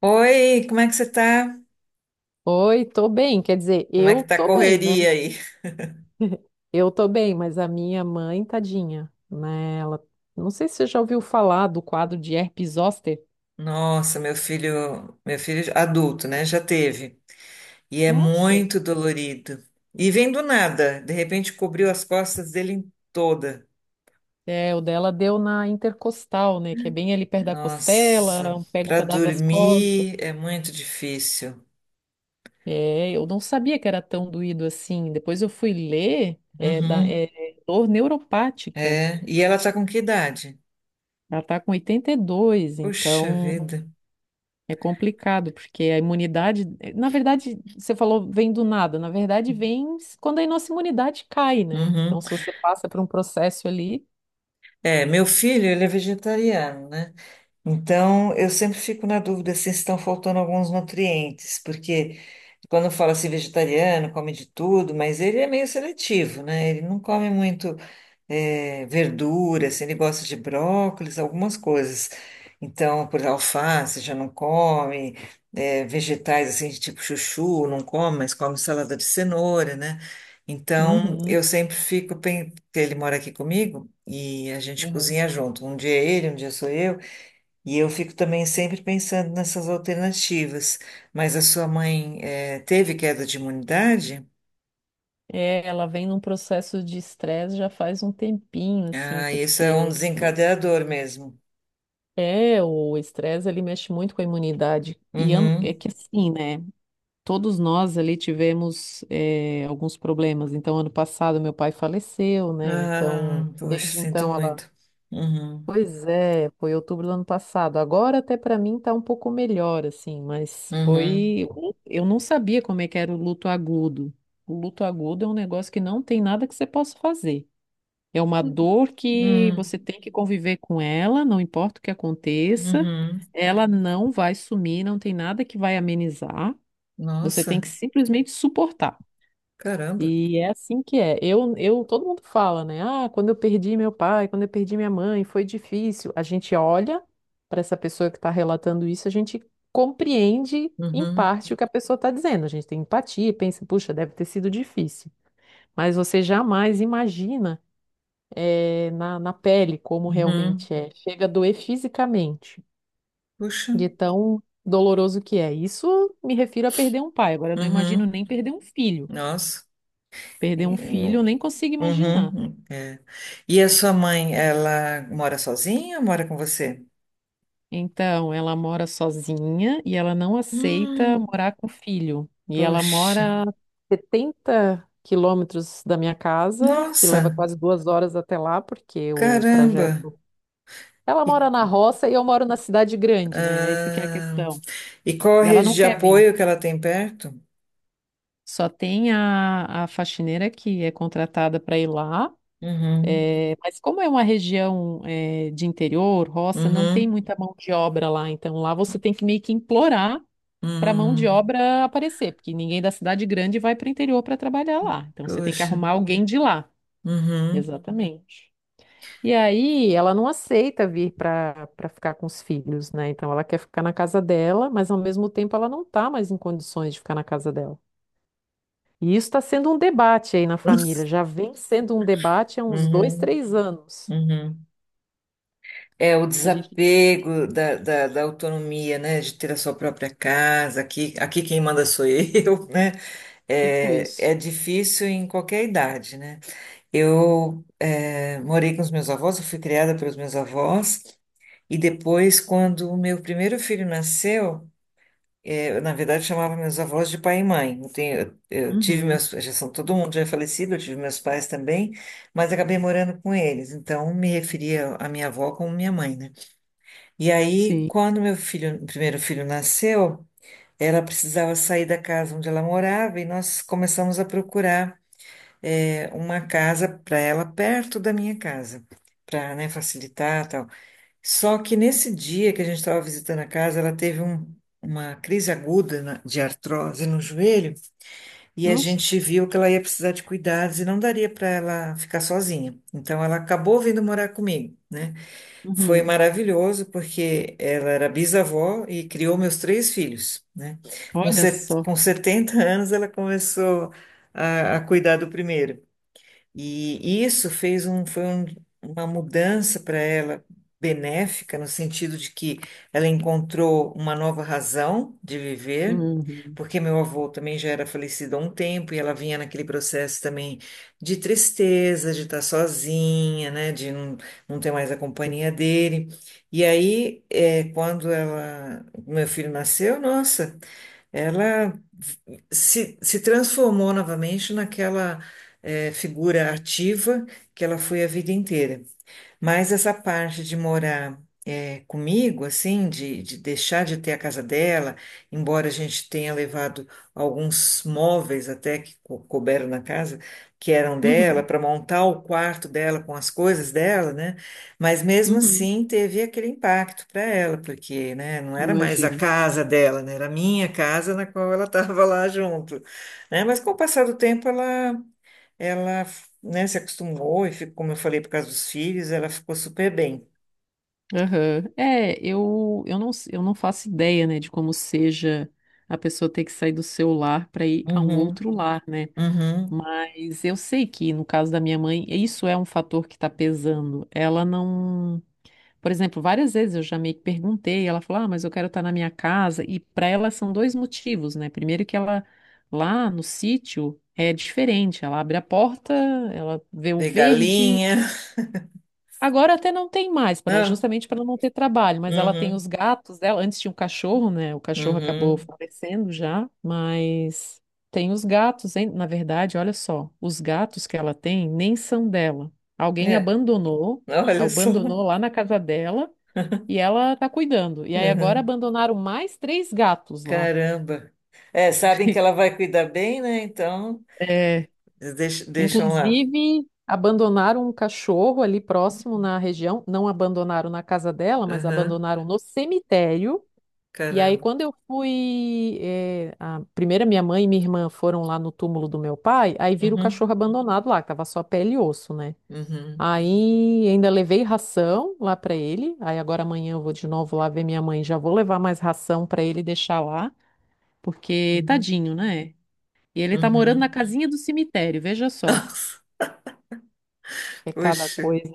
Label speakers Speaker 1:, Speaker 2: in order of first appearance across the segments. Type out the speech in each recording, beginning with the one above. Speaker 1: Oi, como é que você tá?
Speaker 2: Oi, tô bem. Quer dizer,
Speaker 1: Como é que
Speaker 2: eu
Speaker 1: tá a
Speaker 2: tô bem, né?
Speaker 1: correria aí?
Speaker 2: Eu tô bem, mas a minha mãe, tadinha, né? Não sei se você já ouviu falar do quadro de herpes zoster.
Speaker 1: Nossa, meu filho adulto, né? Já teve. E é
Speaker 2: Nossa,
Speaker 1: muito dolorido. E vem do nada, de repente cobriu as costas dele em toda.
Speaker 2: o dela deu na intercostal, né? Que é bem ali perto da
Speaker 1: Nossa,
Speaker 2: costela, pega um
Speaker 1: para
Speaker 2: pedaço das costas.
Speaker 1: dormir é muito difícil.
Speaker 2: É, eu não sabia que era tão doído assim. Depois eu fui ler, é, da,
Speaker 1: Uhum,
Speaker 2: é dor neuropática.
Speaker 1: é. E ela tá com que idade?
Speaker 2: Ela tá com 82,
Speaker 1: Puxa
Speaker 2: então.
Speaker 1: vida.
Speaker 2: É complicado, porque a imunidade, na verdade, você falou vem do nada, na verdade vem quando a nossa imunidade cai, né?
Speaker 1: Uhum.
Speaker 2: Então, se você passa por um processo ali,
Speaker 1: É, meu filho, ele é vegetariano, né? Então, eu sempre fico na dúvida se estão faltando alguns nutrientes, porque quando fala assim vegetariano, come de tudo, mas ele é meio seletivo, né? Ele não come muito verdura, assim, ele gosta de brócolis, algumas coisas. Então, por exemplo, alface já não come, vegetais assim, de tipo chuchu, não come, mas come salada de cenoura, né? Então,
Speaker 2: uhum,
Speaker 1: eu sempre fico, porque ele mora aqui comigo e a gente
Speaker 2: uhum.
Speaker 1: cozinha junto. Um dia é ele, um dia sou eu. E eu fico também sempre pensando nessas alternativas. Mas a sua mãe, teve queda de imunidade?
Speaker 2: É, ela vem num processo de estresse já faz um tempinho, assim,
Speaker 1: Ah, isso é um
Speaker 2: porque
Speaker 1: desencadeador mesmo.
Speaker 2: o estresse ele mexe muito com a imunidade. E é
Speaker 1: Uhum.
Speaker 2: que assim, né? Todos nós ali tivemos alguns problemas. Então, ano passado, meu pai faleceu, né? Então,
Speaker 1: Ah, poxa,
Speaker 2: desde
Speaker 1: sinto
Speaker 2: então. Ela
Speaker 1: muito. Uhum.
Speaker 2: Pois é, foi outubro do ano passado. Agora até para mim tá um pouco melhor, assim.
Speaker 1: Uhum.
Speaker 2: Eu não sabia como é que era o luto agudo. O luto agudo é um negócio que não tem nada que você possa fazer. É uma dor que você
Speaker 1: Hum,
Speaker 2: tem que conviver com ela, não importa o que aconteça,
Speaker 1: uhum.
Speaker 2: ela não vai sumir, não tem nada que vai amenizar. Você tem
Speaker 1: Nossa,
Speaker 2: que simplesmente suportar.
Speaker 1: caramba.
Speaker 2: E é assim que é. Todo mundo fala, né? Ah, quando eu perdi meu pai, quando eu perdi minha mãe, foi difícil. A gente olha para essa pessoa que está relatando isso, a gente compreende em
Speaker 1: Uhum.
Speaker 2: parte o que a pessoa está dizendo. A gente tem empatia e pensa, puxa, deve ter sido difícil. Mas você jamais imagina na pele como
Speaker 1: Uhum.
Speaker 2: realmente é. Chega a doer fisicamente,
Speaker 1: Puxa.
Speaker 2: de tão doloroso que é. Isso me refiro a perder um pai. Agora, eu não imagino
Speaker 1: Uhum.
Speaker 2: nem perder um filho.
Speaker 1: Nossa.
Speaker 2: Perder um
Speaker 1: E-
Speaker 2: filho, eu nem consigo imaginar.
Speaker 1: Uhum. É. E a sua mãe, ela mora sozinha ou mora com você?
Speaker 2: Então, ela mora sozinha e ela não aceita
Speaker 1: Hum.
Speaker 2: morar com o filho. E ela
Speaker 1: Poxa,
Speaker 2: mora a 70 quilômetros da minha casa, que leva
Speaker 1: nossa,
Speaker 2: quase 2 horas até lá, porque o
Speaker 1: caramba!
Speaker 2: trajeto. Ela
Speaker 1: E,
Speaker 2: mora na roça e eu moro na cidade grande, né? Essa que é a
Speaker 1: ah,
Speaker 2: questão.
Speaker 1: e qual a
Speaker 2: E ela
Speaker 1: rede
Speaker 2: não
Speaker 1: de
Speaker 2: quer vir.
Speaker 1: apoio que ela tem perto?
Speaker 2: Só tem a faxineira que é contratada para ir lá.
Speaker 1: Uhum,
Speaker 2: Mas como é uma região, de interior, roça, não tem
Speaker 1: uhum,
Speaker 2: muita mão de obra lá. Então lá você tem que meio que implorar para mão de
Speaker 1: uhum.
Speaker 2: obra aparecer, porque ninguém da cidade grande vai para o interior para trabalhar lá. Então você tem que
Speaker 1: Poxa,
Speaker 2: arrumar alguém de lá.
Speaker 1: uhum,
Speaker 2: Exatamente. E aí ela não aceita vir para ficar com os filhos, né? Então ela quer ficar na casa dela, mas ao mesmo tempo ela não está mais em condições de ficar na casa dela. E isso está sendo um debate aí na família, já vem sendo um debate há uns dois,
Speaker 1: uhum,
Speaker 2: três anos.
Speaker 1: uhum. É o
Speaker 2: A gente,
Speaker 1: desapego da autonomia, né? De ter a sua própria casa, aqui, aqui quem manda sou eu, né?
Speaker 2: tipo
Speaker 1: É, é
Speaker 2: isso.
Speaker 1: difícil em qualquer idade, né? Eu morei com os meus avós, eu fui criada pelos meus avós. E depois, quando o meu primeiro filho nasceu, eu, na verdade, chamava meus avós de pai e mãe. Eu tive
Speaker 2: Uhum,
Speaker 1: meus, já são todo mundo já é falecido, eu tive meus pais também, mas acabei morando com eles. Então, me referia à minha avó como minha mãe, né? E aí,
Speaker 2: sim.
Speaker 1: quando meu filho, primeiro filho nasceu, ela precisava sair da casa onde ela morava e nós começamos a procurar, uma casa para ela perto da minha casa, para, facilitar, tal. Só que nesse dia que a gente estava visitando a casa, uma crise aguda de artrose no joelho e a
Speaker 2: Nossa.
Speaker 1: gente viu que ela ia precisar de cuidados e não daria para ela ficar sozinha. Então ela acabou vindo morar comigo, né? Foi
Speaker 2: Uhum.
Speaker 1: maravilhoso porque ela era bisavó e criou meus três filhos, né?
Speaker 2: Olha só.
Speaker 1: Com 70 anos ela começou a cuidar do primeiro. E isso foi uma mudança para ela benéfica, no sentido de que ela encontrou uma nova razão de viver,
Speaker 2: Uhum.
Speaker 1: porque meu avô também já era falecido há um tempo e ela vinha naquele processo também de tristeza, de estar sozinha, né, de não, não ter mais a companhia dele. E aí, é, quando ela, meu filho nasceu, nossa. Ela se transformou novamente naquela figura ativa que ela foi a vida inteira. Mas essa parte de morar comigo, assim, de deixar de ter a casa dela, embora a gente tenha levado alguns móveis até que couberam na casa, que eram dela,
Speaker 2: Uhum.
Speaker 1: para montar o quarto dela com as coisas dela, né? Mas mesmo
Speaker 2: Uhum.
Speaker 1: assim teve aquele impacto para ela, porque, né, não era mais a
Speaker 2: Imagino.
Speaker 1: casa dela, né, era a minha casa na qual ela estava lá junto, né? Mas com o passar do tempo ela né, se acostumou e ficou, como eu falei, por causa dos filhos, ela ficou super bem.
Speaker 2: Aham. É, eu não faço ideia, né, de como seja a pessoa ter que sair do seu lar para ir a um
Speaker 1: Uhum,
Speaker 2: outro lar, né?
Speaker 1: uhum.
Speaker 2: Mas eu sei que no caso da minha mãe, isso é um fator que está pesando. Ela não. Por exemplo, várias vezes eu já meio que perguntei, ela falou: "Ah, mas eu quero estar na minha casa." E para ela são dois motivos, né? Primeiro, que ela lá no sítio é diferente, ela abre a porta, ela vê o
Speaker 1: Ver
Speaker 2: verde.
Speaker 1: galinha,
Speaker 2: Agora até não tem mais,
Speaker 1: não?
Speaker 2: justamente para não ter trabalho, mas ela tem os
Speaker 1: Uhum,
Speaker 2: gatos dela. Antes tinha um cachorro, né? O cachorro acabou
Speaker 1: uhum.
Speaker 2: falecendo já, mas tem os gatos, hein? Na verdade, olha só, os gatos que ela tem nem são dela. Alguém
Speaker 1: É,
Speaker 2: abandonou,
Speaker 1: olha só.
Speaker 2: abandonou lá na casa dela e ela tá cuidando. E aí agora
Speaker 1: Uhum.
Speaker 2: abandonaram mais três gatos lá.
Speaker 1: Caramba. É, sabem que ela vai cuidar bem, né? Então,
Speaker 2: É,
Speaker 1: deixam lá.
Speaker 2: inclusive, abandonaram um cachorro ali próximo na região. Não abandonaram na casa dela, mas
Speaker 1: Uhum.
Speaker 2: abandonaram no cemitério. E aí,
Speaker 1: Caramba.
Speaker 2: quando eu fui, eh, a primeira minha mãe e minha irmã foram lá no túmulo do meu pai, aí viram o
Speaker 1: Uhum,
Speaker 2: cachorro abandonado lá, que tava só pele e osso, né?
Speaker 1: uhum,
Speaker 2: Aí ainda levei ração lá pra ele. Aí agora amanhã eu vou de novo lá ver minha mãe, já vou levar mais ração pra ele deixar lá, porque
Speaker 1: uhum,
Speaker 2: tadinho, né? E ele tá morando na
Speaker 1: uhum.
Speaker 2: casinha do cemitério, veja só. É cada
Speaker 1: Puxa.
Speaker 2: coisa.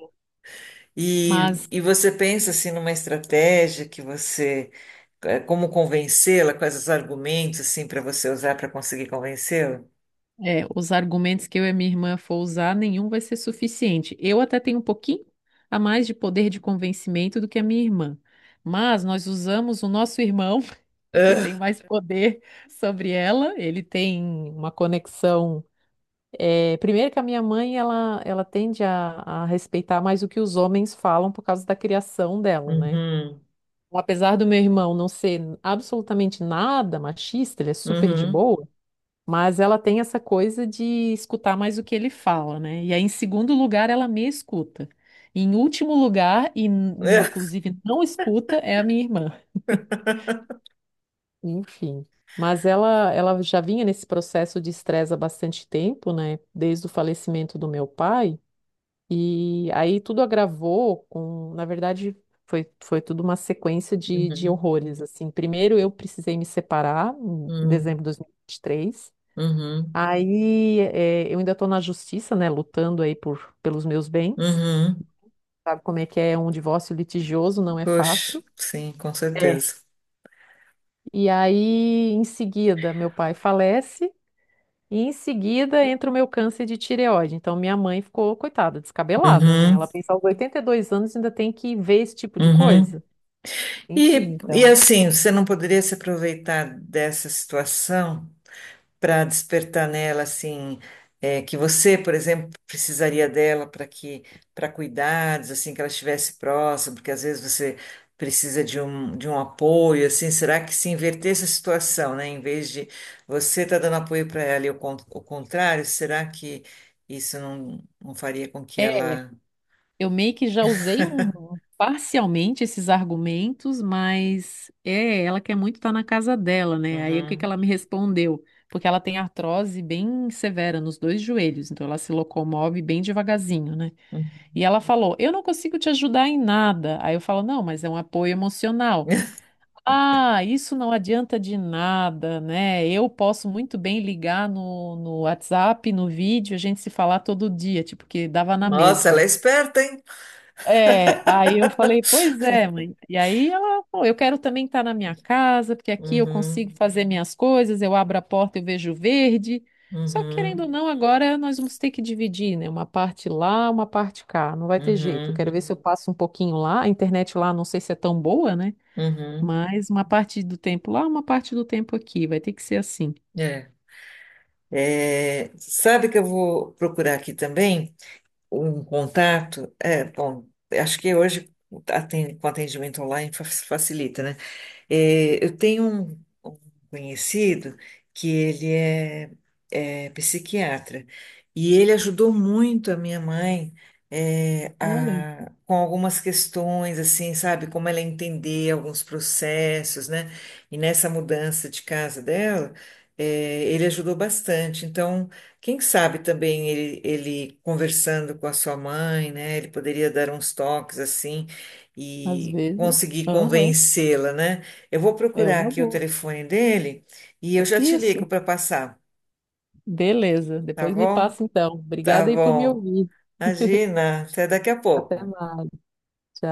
Speaker 1: E,
Speaker 2: Mas
Speaker 1: e você pensa assim numa estratégia que você, como convencê-la, quais os argumentos assim para você usar para conseguir convencê-la?
Speaker 2: Os argumentos que eu e a minha irmã for usar, nenhum vai ser suficiente. Eu até tenho um pouquinho a mais de poder de convencimento do que a minha irmã. Mas nós usamos o nosso irmão, que tem
Speaker 1: Ah,
Speaker 2: mais poder sobre ela. Ele tem uma conexão. É, primeiro que a minha mãe, ela tende a respeitar mais o que os homens falam por causa da criação dela, né?
Speaker 1: uhum,
Speaker 2: Apesar do meu irmão não ser absolutamente nada machista, ele é super de
Speaker 1: uhum,
Speaker 2: boa. Mas ela tem essa coisa de escutar mais o que ele fala, né? E aí, em segundo lugar, ela me escuta. E em último lugar,
Speaker 1: ah,
Speaker 2: inclusive não escuta, é a minha irmã. Enfim. Mas ela já vinha nesse processo de estresse há bastante tempo, né? Desde o falecimento do meu pai. E aí tudo agravou na verdade, foi tudo uma sequência de
Speaker 1: uhum,
Speaker 2: horrores, assim. Primeiro eu precisei me separar em
Speaker 1: uhum,
Speaker 2: dezembro de 2023.
Speaker 1: uhum,
Speaker 2: Aí eu ainda estou na justiça, né, lutando aí pelos meus bens.
Speaker 1: uhum.
Speaker 2: Sabe como é que é um divórcio litigioso, não é
Speaker 1: Puxa,
Speaker 2: fácil.
Speaker 1: sim, com
Speaker 2: É.
Speaker 1: certeza.
Speaker 2: E aí, em seguida, meu pai falece e em seguida entra o meu câncer de tireoide. Então, minha mãe ficou, coitada, descabelada, né?
Speaker 1: Uhum,
Speaker 2: Ela pensa aos 82 anos ainda tem que ver esse tipo de
Speaker 1: uhum.
Speaker 2: coisa. Enfim,
Speaker 1: E
Speaker 2: então.
Speaker 1: assim, você não poderia se aproveitar dessa situação? Para despertar nela assim é, que você, por exemplo, precisaria dela para que para cuidados assim que ela estivesse próxima, porque às vezes você precisa de um apoio assim. Será que se invertesse a situação, né? Em vez de você estar dando apoio para ela e o contrário, será que isso não faria com que
Speaker 2: É,
Speaker 1: ela.
Speaker 2: eu meio que já usei parcialmente esses argumentos, mas ela quer muito estar na casa dela, né? Aí o que que ela
Speaker 1: Uhum.
Speaker 2: me respondeu? Porque ela tem artrose bem severa nos dois joelhos, então ela se locomove bem devagarzinho, né? E ela falou: "Eu não consigo te ajudar em nada." Aí eu falo: "Não, mas é um apoio emocional." Ah, isso não adianta de nada, né? Eu posso muito bem ligar no WhatsApp, no vídeo, a gente se falar todo dia, tipo, que dava na
Speaker 1: Nossa, ela
Speaker 2: mesma.
Speaker 1: é esperta, hein?
Speaker 2: É, aí eu falei, pois é, mãe. E aí ela falou, eu quero também estar na minha casa, porque aqui eu consigo
Speaker 1: Uhum,
Speaker 2: fazer minhas coisas, eu abro a porta e eu vejo verde. Só que querendo ou
Speaker 1: uhum,
Speaker 2: não, agora nós vamos ter que dividir, né? Uma parte lá, uma parte cá. Não vai ter jeito. Eu quero
Speaker 1: uhum,
Speaker 2: ver se eu passo um pouquinho lá. A internet lá não sei se é tão boa, né?
Speaker 1: uhum.
Speaker 2: Mas uma parte do tempo lá, uma parte do tempo aqui. Vai ter que ser assim.
Speaker 1: É. É, sabe que eu vou procurar aqui também um contato? É, bom, acho que hoje com atendimento online facilita, né? É, eu tenho um conhecido que é psiquiatra e ele ajudou muito a minha mãe é,
Speaker 2: Olha,
Speaker 1: com algumas questões, assim, sabe, como ela entender alguns processos, né? E nessa mudança de casa dela, é, ele ajudou bastante. Então, quem sabe também ele conversando com a sua mãe, né? Ele poderia dar uns toques assim
Speaker 2: às
Speaker 1: e
Speaker 2: vezes,
Speaker 1: conseguir
Speaker 2: aham,
Speaker 1: convencê-la, né? Eu vou
Speaker 2: é
Speaker 1: procurar
Speaker 2: uma
Speaker 1: aqui o
Speaker 2: boa.
Speaker 1: telefone dele e eu já te ligo
Speaker 2: Isso.
Speaker 1: para passar,
Speaker 2: Beleza,
Speaker 1: tá
Speaker 2: depois me
Speaker 1: bom?
Speaker 2: passa então.
Speaker 1: Tá
Speaker 2: Obrigada aí por me
Speaker 1: bom.
Speaker 2: ouvir.
Speaker 1: Imagina, até daqui a
Speaker 2: Até
Speaker 1: pouco.
Speaker 2: mais. Tchau.